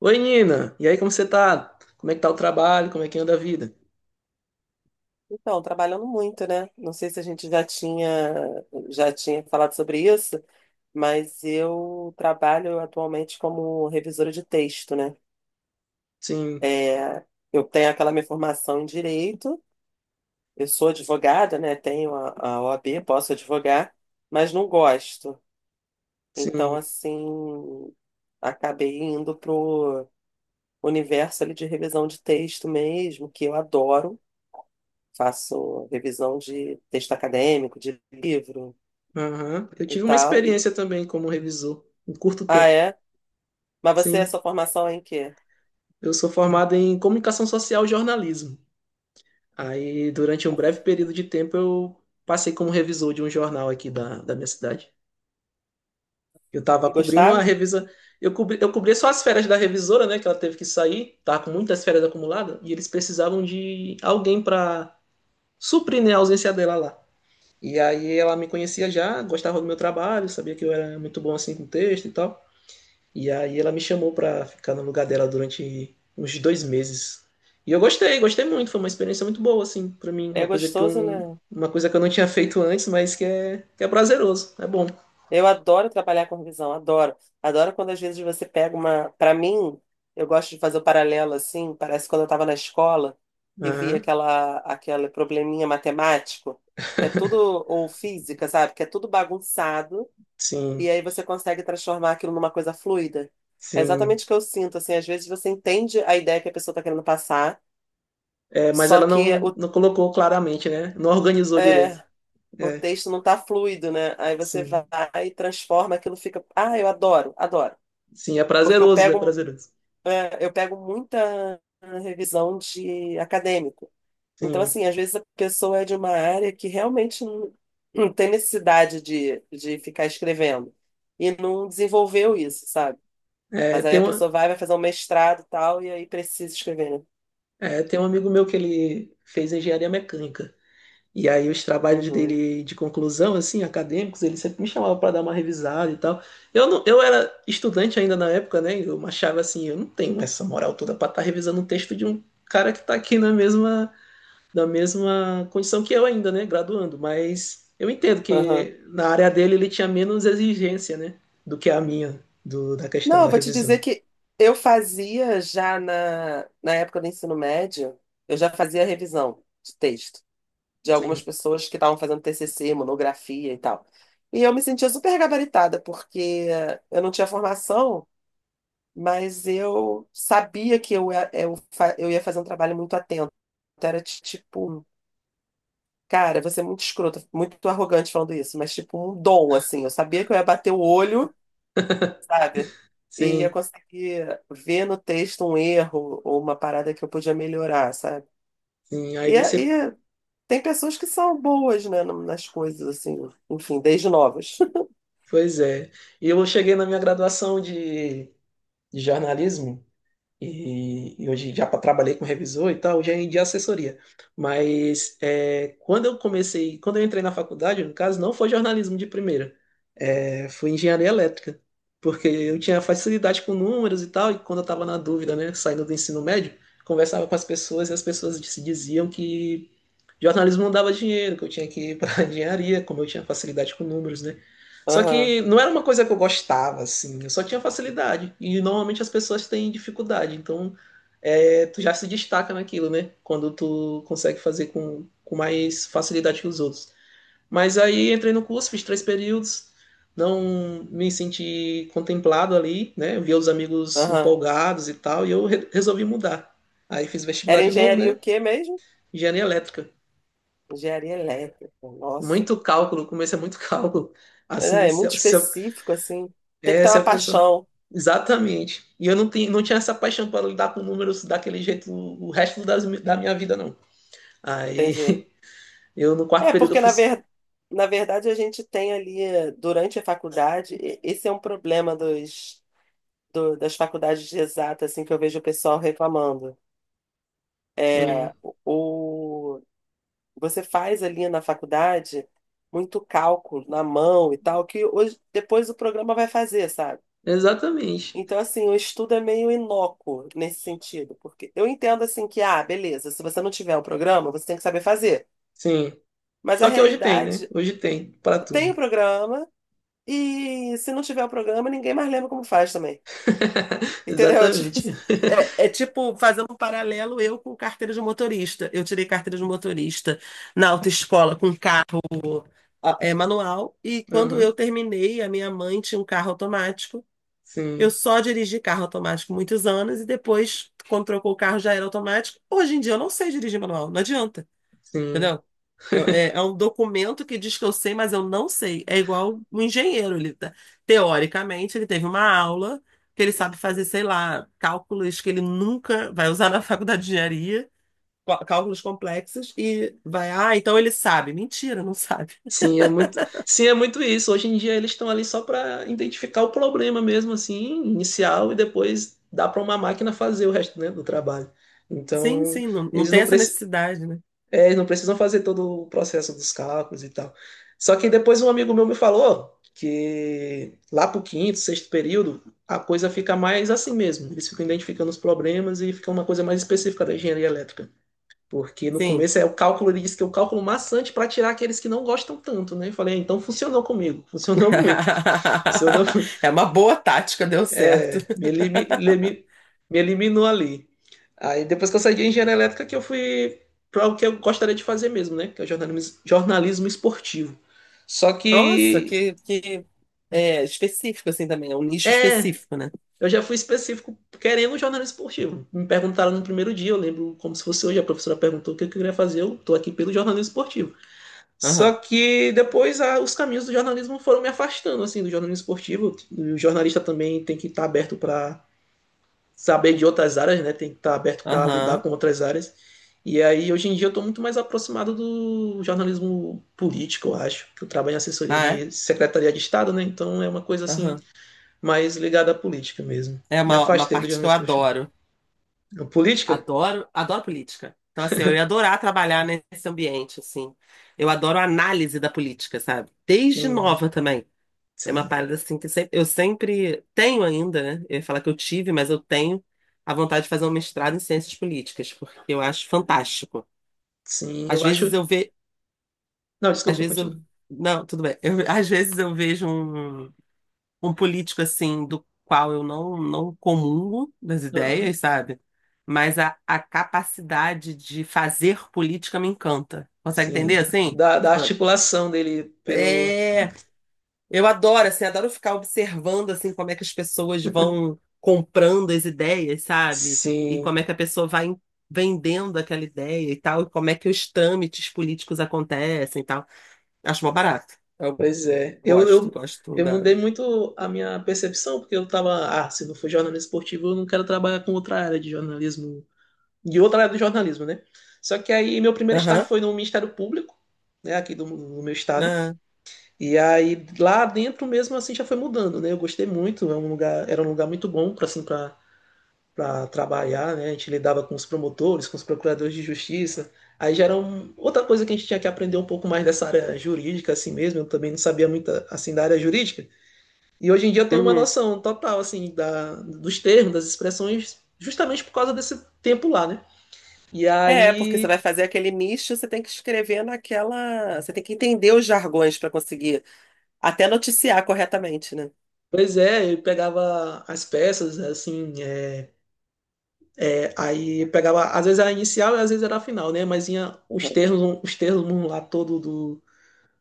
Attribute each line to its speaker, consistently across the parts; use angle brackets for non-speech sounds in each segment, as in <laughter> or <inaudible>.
Speaker 1: Oi, Nina. E aí, como você tá? Como é que tá o trabalho? Como é que anda a vida?
Speaker 2: Então, trabalhando muito, né? Não sei se a gente já tinha falado sobre isso, mas eu trabalho atualmente como revisora de texto, né?
Speaker 1: Sim,
Speaker 2: É, eu tenho aquela minha formação em direito, eu sou advogada, né? Tenho a OAB, posso advogar, mas não gosto. Então,
Speaker 1: sim.
Speaker 2: assim, acabei indo pro universo ali de revisão de texto mesmo, que eu adoro. Faço revisão de texto acadêmico, de livro
Speaker 1: Aham. Eu
Speaker 2: e
Speaker 1: tive uma
Speaker 2: tal.
Speaker 1: experiência também como revisor, em curto
Speaker 2: Ah,
Speaker 1: tempo.
Speaker 2: é? Mas você, a
Speaker 1: Sim.
Speaker 2: sua formação é em quê?
Speaker 1: Eu sou formado em comunicação social e jornalismo. Aí, durante um breve período de tempo, eu passei como revisor de um jornal aqui da minha cidade. Eu tava
Speaker 2: E
Speaker 1: cobrindo a
Speaker 2: gostava?
Speaker 1: revisa. Eu cobri, eu cobria só as férias da revisora, né? Que ela teve que sair, tava com muitas férias acumuladas, e eles precisavam de alguém para suprir, né, a ausência dela lá. E aí ela me conhecia já, gostava do meu trabalho, sabia que eu era muito bom assim com texto e tal. E aí ela me chamou pra ficar no lugar dela durante uns dois meses. E eu gostei, gostei muito, foi uma experiência muito boa assim pra mim,
Speaker 2: É gostoso, né?
Speaker 1: uma coisa que eu não tinha feito antes, mas que é prazeroso, é bom.
Speaker 2: Eu adoro trabalhar com revisão, adoro. Adoro quando às vezes você pega uma. Para mim, eu gosto de fazer o paralelo assim, parece quando eu estava na escola e via
Speaker 1: Aham,
Speaker 2: aquele probleminha matemático, que é tudo, ou física, sabe? Que é tudo bagunçado,
Speaker 1: sim,
Speaker 2: e aí você consegue transformar aquilo numa coisa fluida. É
Speaker 1: sim.
Speaker 2: exatamente o que eu sinto, assim, às vezes você entende a ideia que a pessoa está querendo passar,
Speaker 1: É, mas
Speaker 2: só
Speaker 1: ela
Speaker 2: que
Speaker 1: não colocou claramente, né? Não organizou direito.
Speaker 2: é, o
Speaker 1: É,
Speaker 2: texto não tá fluido, né? Aí você vai
Speaker 1: sim,
Speaker 2: e transforma, aquilo fica. Ah, eu adoro, adoro.
Speaker 1: sim, é
Speaker 2: Porque
Speaker 1: prazeroso, é prazeroso.
Speaker 2: eu pego muita revisão de acadêmico. Então,
Speaker 1: Sim.
Speaker 2: assim, às vezes a pessoa é de uma área que realmente não tem necessidade de ficar escrevendo. E não desenvolveu isso, sabe?
Speaker 1: É,
Speaker 2: Mas aí
Speaker 1: tem
Speaker 2: a
Speaker 1: uma,
Speaker 2: pessoa vai fazer um mestrado e tal, e aí precisa escrever, né?
Speaker 1: É, tem um amigo meu que ele fez engenharia mecânica. E aí os trabalhos
Speaker 2: Uhum.
Speaker 1: dele de conclusão, assim, acadêmicos, ele sempre me chamava para dar uma revisada e tal. Eu não, eu era estudante ainda na época, né? Eu achava assim, eu não tenho essa moral toda para estar revisando um texto de um cara que está aqui na mesma condição que eu ainda, né? Graduando. Mas eu entendo
Speaker 2: Aham.
Speaker 1: que na área dele ele tinha menos exigência, né? Do que a minha, da questão
Speaker 2: Não, eu
Speaker 1: da
Speaker 2: vou te dizer
Speaker 1: revisão.
Speaker 2: que eu fazia já na época do ensino médio, eu já fazia revisão de texto de algumas
Speaker 1: Sim,
Speaker 2: pessoas que estavam fazendo TCC, monografia e tal. E eu me sentia super gabaritada, porque eu não tinha formação, mas eu sabia que eu ia fazer um trabalho muito atento. Então, era tipo, cara, você é muito escrota, muito arrogante falando isso, mas tipo um dom, assim. Eu sabia que eu ia bater o olho sabe? E ia
Speaker 1: sim,
Speaker 2: conseguir ver no texto um erro ou uma parada que eu podia melhorar, sabe?
Speaker 1: sim. Aí
Speaker 2: E, é-
Speaker 1: você
Speaker 2: e é- Tem pessoas que são boas, né, nas coisas, assim, enfim, desde novas.
Speaker 1: pois é. E eu cheguei na minha graduação de jornalismo e hoje trabalhei com revisor e tal, já em de assessoria. Mas é, quando eu comecei, quando eu entrei na faculdade, no caso, não foi jornalismo de primeira. É, foi engenharia elétrica, porque eu tinha facilidade com números e tal, e quando eu estava na dúvida, né,
Speaker 2: <laughs>
Speaker 1: saindo do ensino médio, conversava com as pessoas e as pessoas se diziam que jornalismo não dava dinheiro, que eu tinha que ir para <laughs> engenharia, como eu tinha facilidade com números, né? Só
Speaker 2: Aham,
Speaker 1: que não era uma coisa que eu gostava, assim, eu só tinha facilidade, e normalmente as pessoas têm dificuldade, então é, tu já se destaca naquilo, né? Quando tu consegue fazer com mais facilidade que os outros. Mas aí entrei no curso, fiz três períodos, não me senti contemplado ali, né? Eu via os amigos
Speaker 2: aham.
Speaker 1: empolgados e tal, e eu resolvi mudar. Aí fiz
Speaker 2: Era
Speaker 1: vestibular de novo,
Speaker 2: engenharia
Speaker 1: né?
Speaker 2: o quê mesmo?
Speaker 1: Engenharia elétrica.
Speaker 2: Engenharia elétrica, nossa.
Speaker 1: Muito cálculo, o começo é muito <laughs> cálculo. Assim,
Speaker 2: É, é
Speaker 1: se,
Speaker 2: muito
Speaker 1: eu- se, eu-
Speaker 2: específico, assim. Tem que
Speaker 1: é,
Speaker 2: ter
Speaker 1: se
Speaker 2: uma
Speaker 1: a pessoa.
Speaker 2: paixão,
Speaker 1: Exatamente. E eu não tinha essa paixão para lidar com números daquele jeito o resto da minha vida, não. Aí
Speaker 2: entende?
Speaker 1: <laughs> eu no quarto
Speaker 2: É,
Speaker 1: período eu
Speaker 2: porque
Speaker 1: fui.
Speaker 2: na verdade a gente tem ali, durante a faculdade, esse é um problema das faculdades de exatas, assim, que eu vejo o pessoal reclamando.
Speaker 1: Sim,
Speaker 2: É, o, você faz ali na faculdade muito cálculo na mão e tal, que hoje, depois o programa vai fazer, sabe?
Speaker 1: exatamente.
Speaker 2: Então, assim, o estudo é meio inócuo nesse sentido, porque eu entendo, assim, que, ah, beleza, se você não tiver o programa, você tem que saber fazer.
Speaker 1: Sim.
Speaker 2: Mas a
Speaker 1: Só que hoje tem, né?
Speaker 2: realidade,
Speaker 1: Hoje tem para
Speaker 2: tem
Speaker 1: tudo.
Speaker 2: o programa, e se não tiver o programa, ninguém mais lembra como faz também.
Speaker 1: <laughs>
Speaker 2: Entendeu? <laughs> Tipo, assim,
Speaker 1: Exatamente.
Speaker 2: é tipo, fazendo um paralelo, eu com carteira de motorista. Eu tirei carteira de motorista na autoescola com carro manual, e quando eu
Speaker 1: Aham.
Speaker 2: terminei, a minha mãe tinha um carro automático. Eu
Speaker 1: Sim,
Speaker 2: só dirigi carro automático muitos anos, e depois, quando trocou o carro, já era automático. Hoje em dia, eu não sei dirigir manual, não adianta.
Speaker 1: sim.
Speaker 2: Entendeu?
Speaker 1: <laughs>
Speaker 2: É um documento que diz que eu sei, mas eu não sei. É igual um engenheiro. Teoricamente, ele teve uma aula que ele sabe fazer, sei lá, cálculos que ele nunca vai usar na <laughs> faculdade de engenharia, cálculos complexos, e vai, ah, então ele sabe. Mentira, não sabe.
Speaker 1: Sim, é muito isso. Hoje em dia eles estão ali só para identificar o problema mesmo, assim, inicial, e depois dá para uma máquina fazer o resto, né, do trabalho.
Speaker 2: Sim,
Speaker 1: Então,
Speaker 2: sim, não, não
Speaker 1: eles
Speaker 2: tem
Speaker 1: não,
Speaker 2: essa
Speaker 1: preci
Speaker 2: necessidade, né?
Speaker 1: eles não precisam fazer todo o processo dos cálculos e tal. Só que depois um amigo meu me falou que lá pro quinto, sexto período, a coisa fica mais assim mesmo. Eles ficam identificando os problemas e fica uma coisa mais específica da engenharia elétrica. Porque no
Speaker 2: Sim.
Speaker 1: começo é o cálculo, ele disse que é o cálculo maçante para tirar aqueles que não gostam tanto, né? Eu falei, ah, então funcionou comigo, <laughs> funcionou muito. Funcionou,
Speaker 2: <laughs> É uma boa tática, deu certo.
Speaker 1: é, me, elimi- elimi- me eliminou ali. Aí depois que eu saí de engenharia elétrica, que eu fui para o que eu gostaria de fazer mesmo, né? Que é o jornalismo, jornalismo esportivo. Só
Speaker 2: Nossa,
Speaker 1: que,
Speaker 2: que específico assim também, é um nicho
Speaker 1: é,
Speaker 2: específico, né?
Speaker 1: eu já fui específico querendo um jornalismo esportivo. Me perguntaram no primeiro dia, eu lembro como se fosse hoje, a professora perguntou o que eu queria fazer, eu tô aqui pelo jornalismo esportivo. Só
Speaker 2: Aham,
Speaker 1: que depois os caminhos do jornalismo foram me afastando, assim, do jornalismo esportivo. O jornalista também tem que estar aberto para saber de outras áreas, né? Tem que estar aberto para lidar
Speaker 2: aham.
Speaker 1: com outras áreas. E aí, hoje em dia, eu estou muito mais aproximado do jornalismo político, eu acho. Que Eu trabalho em assessoria
Speaker 2: Ah, é?
Speaker 1: de Secretaria de Estado, né? Então é uma coisa, assim,
Speaker 2: Aham.
Speaker 1: mais ligada à política mesmo.
Speaker 2: É
Speaker 1: Me
Speaker 2: uma
Speaker 1: afastei do
Speaker 2: parte que eu
Speaker 1: jornalismo esportivo.
Speaker 2: adoro.
Speaker 1: Política?
Speaker 2: Adoro, adoro política. Então, assim, eu ia adorar trabalhar nesse ambiente, assim. Eu adoro a análise da política, sabe? Desde
Speaker 1: Sim,
Speaker 2: nova também. É uma
Speaker 1: sim,
Speaker 2: parada, assim, que sempre, eu sempre tenho ainda, né? Eu ia falar que eu tive, mas eu tenho a vontade de fazer um mestrado em ciências políticas, porque eu acho fantástico.
Speaker 1: sim.
Speaker 2: Às
Speaker 1: Eu acho.
Speaker 2: vezes eu vejo...
Speaker 1: Não,
Speaker 2: Às
Speaker 1: desculpa,
Speaker 2: vezes eu...
Speaker 1: continua.
Speaker 2: Não, tudo bem. Às vezes eu vejo um político assim do qual eu não comungo das ideias, sabe? Mas a capacidade de fazer política me encanta. Consegue entender
Speaker 1: Sim,
Speaker 2: assim?
Speaker 1: da
Speaker 2: Tipo,
Speaker 1: articulação dele pelo.
Speaker 2: é, eu adoro assim, adoro ficar observando assim como é que as pessoas vão comprando as ideias, sabe? E
Speaker 1: Sim,
Speaker 2: como é que a pessoa vendendo aquela ideia e tal, e como é que os trâmites políticos acontecem e tal. Acho mó barato. Eu
Speaker 1: pois é.
Speaker 2: gosto, gosto
Speaker 1: Eu
Speaker 2: da.
Speaker 1: mudei muito a minha percepção, porque eu tava, ah, se não for jornalismo esportivo, eu não quero trabalhar com outra área de jornalismo, de outra área do jornalismo, né? Só que aí meu primeiro estágio
Speaker 2: Aham.
Speaker 1: foi no Ministério Público, né, aqui do meu estado.
Speaker 2: aham.
Speaker 1: E aí lá dentro mesmo assim já foi mudando, né? Eu gostei muito, é um lugar, era um lugar muito bom para assim, para trabalhar, né? A gente lidava com os promotores, com os procuradores de justiça. Aí já era outra coisa que a gente tinha que aprender um pouco mais dessa área jurídica, assim mesmo. Eu também não sabia muito, assim, da área jurídica. E hoje em dia eu tenho uma
Speaker 2: Uhum.
Speaker 1: noção total, assim, dos termos, das expressões, justamente por causa desse tempo lá, né? E
Speaker 2: É, porque você
Speaker 1: aí,
Speaker 2: vai fazer aquele misto, você tem que escrever naquela. Você tem que entender os jargões para conseguir até noticiar corretamente, né?
Speaker 1: pois é, eu pegava as peças, né, assim, aí pegava, às vezes era a inicial e às vezes era a final, né? Mas tinha
Speaker 2: Uhum.
Speaker 1: os termos lá todo do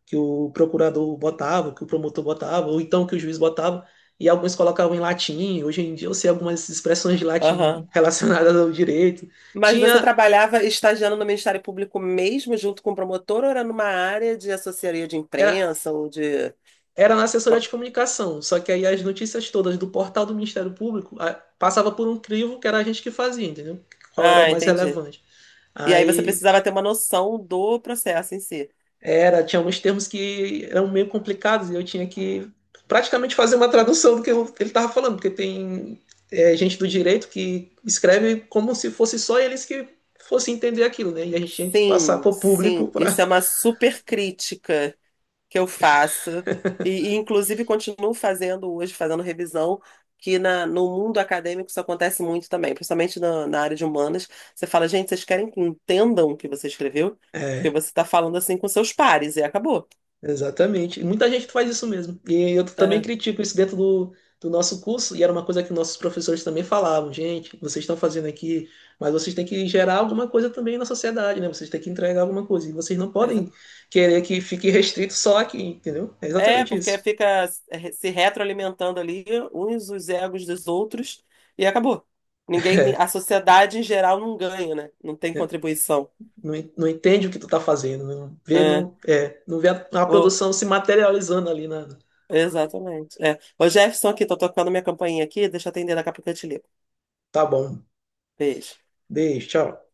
Speaker 1: que o procurador botava, que o promotor botava, ou então que o juiz botava, e alguns colocavam em latim. Hoje em dia eu sei algumas expressões de latim
Speaker 2: Aham.
Speaker 1: <laughs> relacionadas ao direito.
Speaker 2: Mas você
Speaker 1: Tinha,
Speaker 2: trabalhava estagiando no Ministério Público mesmo, junto com o promotor, ou era numa área de assessoria de
Speaker 1: era,
Speaker 2: imprensa ou de.
Speaker 1: era na assessoria de comunicação, só que aí as notícias todas do portal do Ministério Público passava por um crivo que era a gente que fazia, entendeu? Qual era o
Speaker 2: Ah,
Speaker 1: mais
Speaker 2: entendi.
Speaker 1: relevante.
Speaker 2: E aí você
Speaker 1: Aí
Speaker 2: precisava ter uma noção do processo em si.
Speaker 1: era, tinha alguns termos que eram meio complicados e eu tinha que praticamente fazer uma tradução do que ele estava falando, porque tem é, gente do direito que escreve como se fosse só eles que fossem entender aquilo, né? E a gente tinha que passar
Speaker 2: Sim,
Speaker 1: para o público
Speaker 2: sim. Isso
Speaker 1: para.
Speaker 2: é uma super crítica que eu faço, inclusive continuo fazendo hoje, fazendo revisão, que no mundo acadêmico isso acontece muito também, principalmente na área de humanas. Você fala, gente, vocês querem que entendam o que você escreveu? Porque você está falando assim com seus pares e acabou.
Speaker 1: Exatamente. E muita gente faz isso mesmo. E eu também
Speaker 2: É,
Speaker 1: critico isso dentro do nosso curso, e era uma coisa que nossos professores também falavam, gente, vocês estão fazendo aqui, mas vocês têm que gerar alguma coisa também na sociedade, né? Vocês têm que entregar alguma coisa. E vocês não
Speaker 2: mas é
Speaker 1: podem querer que fique restrito só aqui, entendeu? É exatamente
Speaker 2: Porque
Speaker 1: isso.
Speaker 2: fica se retroalimentando ali uns os egos dos outros e acabou. Ninguém, a sociedade em geral não ganha, né? Não tem
Speaker 1: Né?
Speaker 2: contribuição.
Speaker 1: Não entende o que tu tá fazendo, não vê,
Speaker 2: É.
Speaker 1: não vê a produção se materializando ali na.
Speaker 2: Exatamente. É. Ô, Jefferson, aqui, tô tocando minha campainha aqui, deixa eu atender, daqui a pouco eu te ligo.
Speaker 1: Tá bom,
Speaker 2: Beijo.
Speaker 1: beijo, tchau.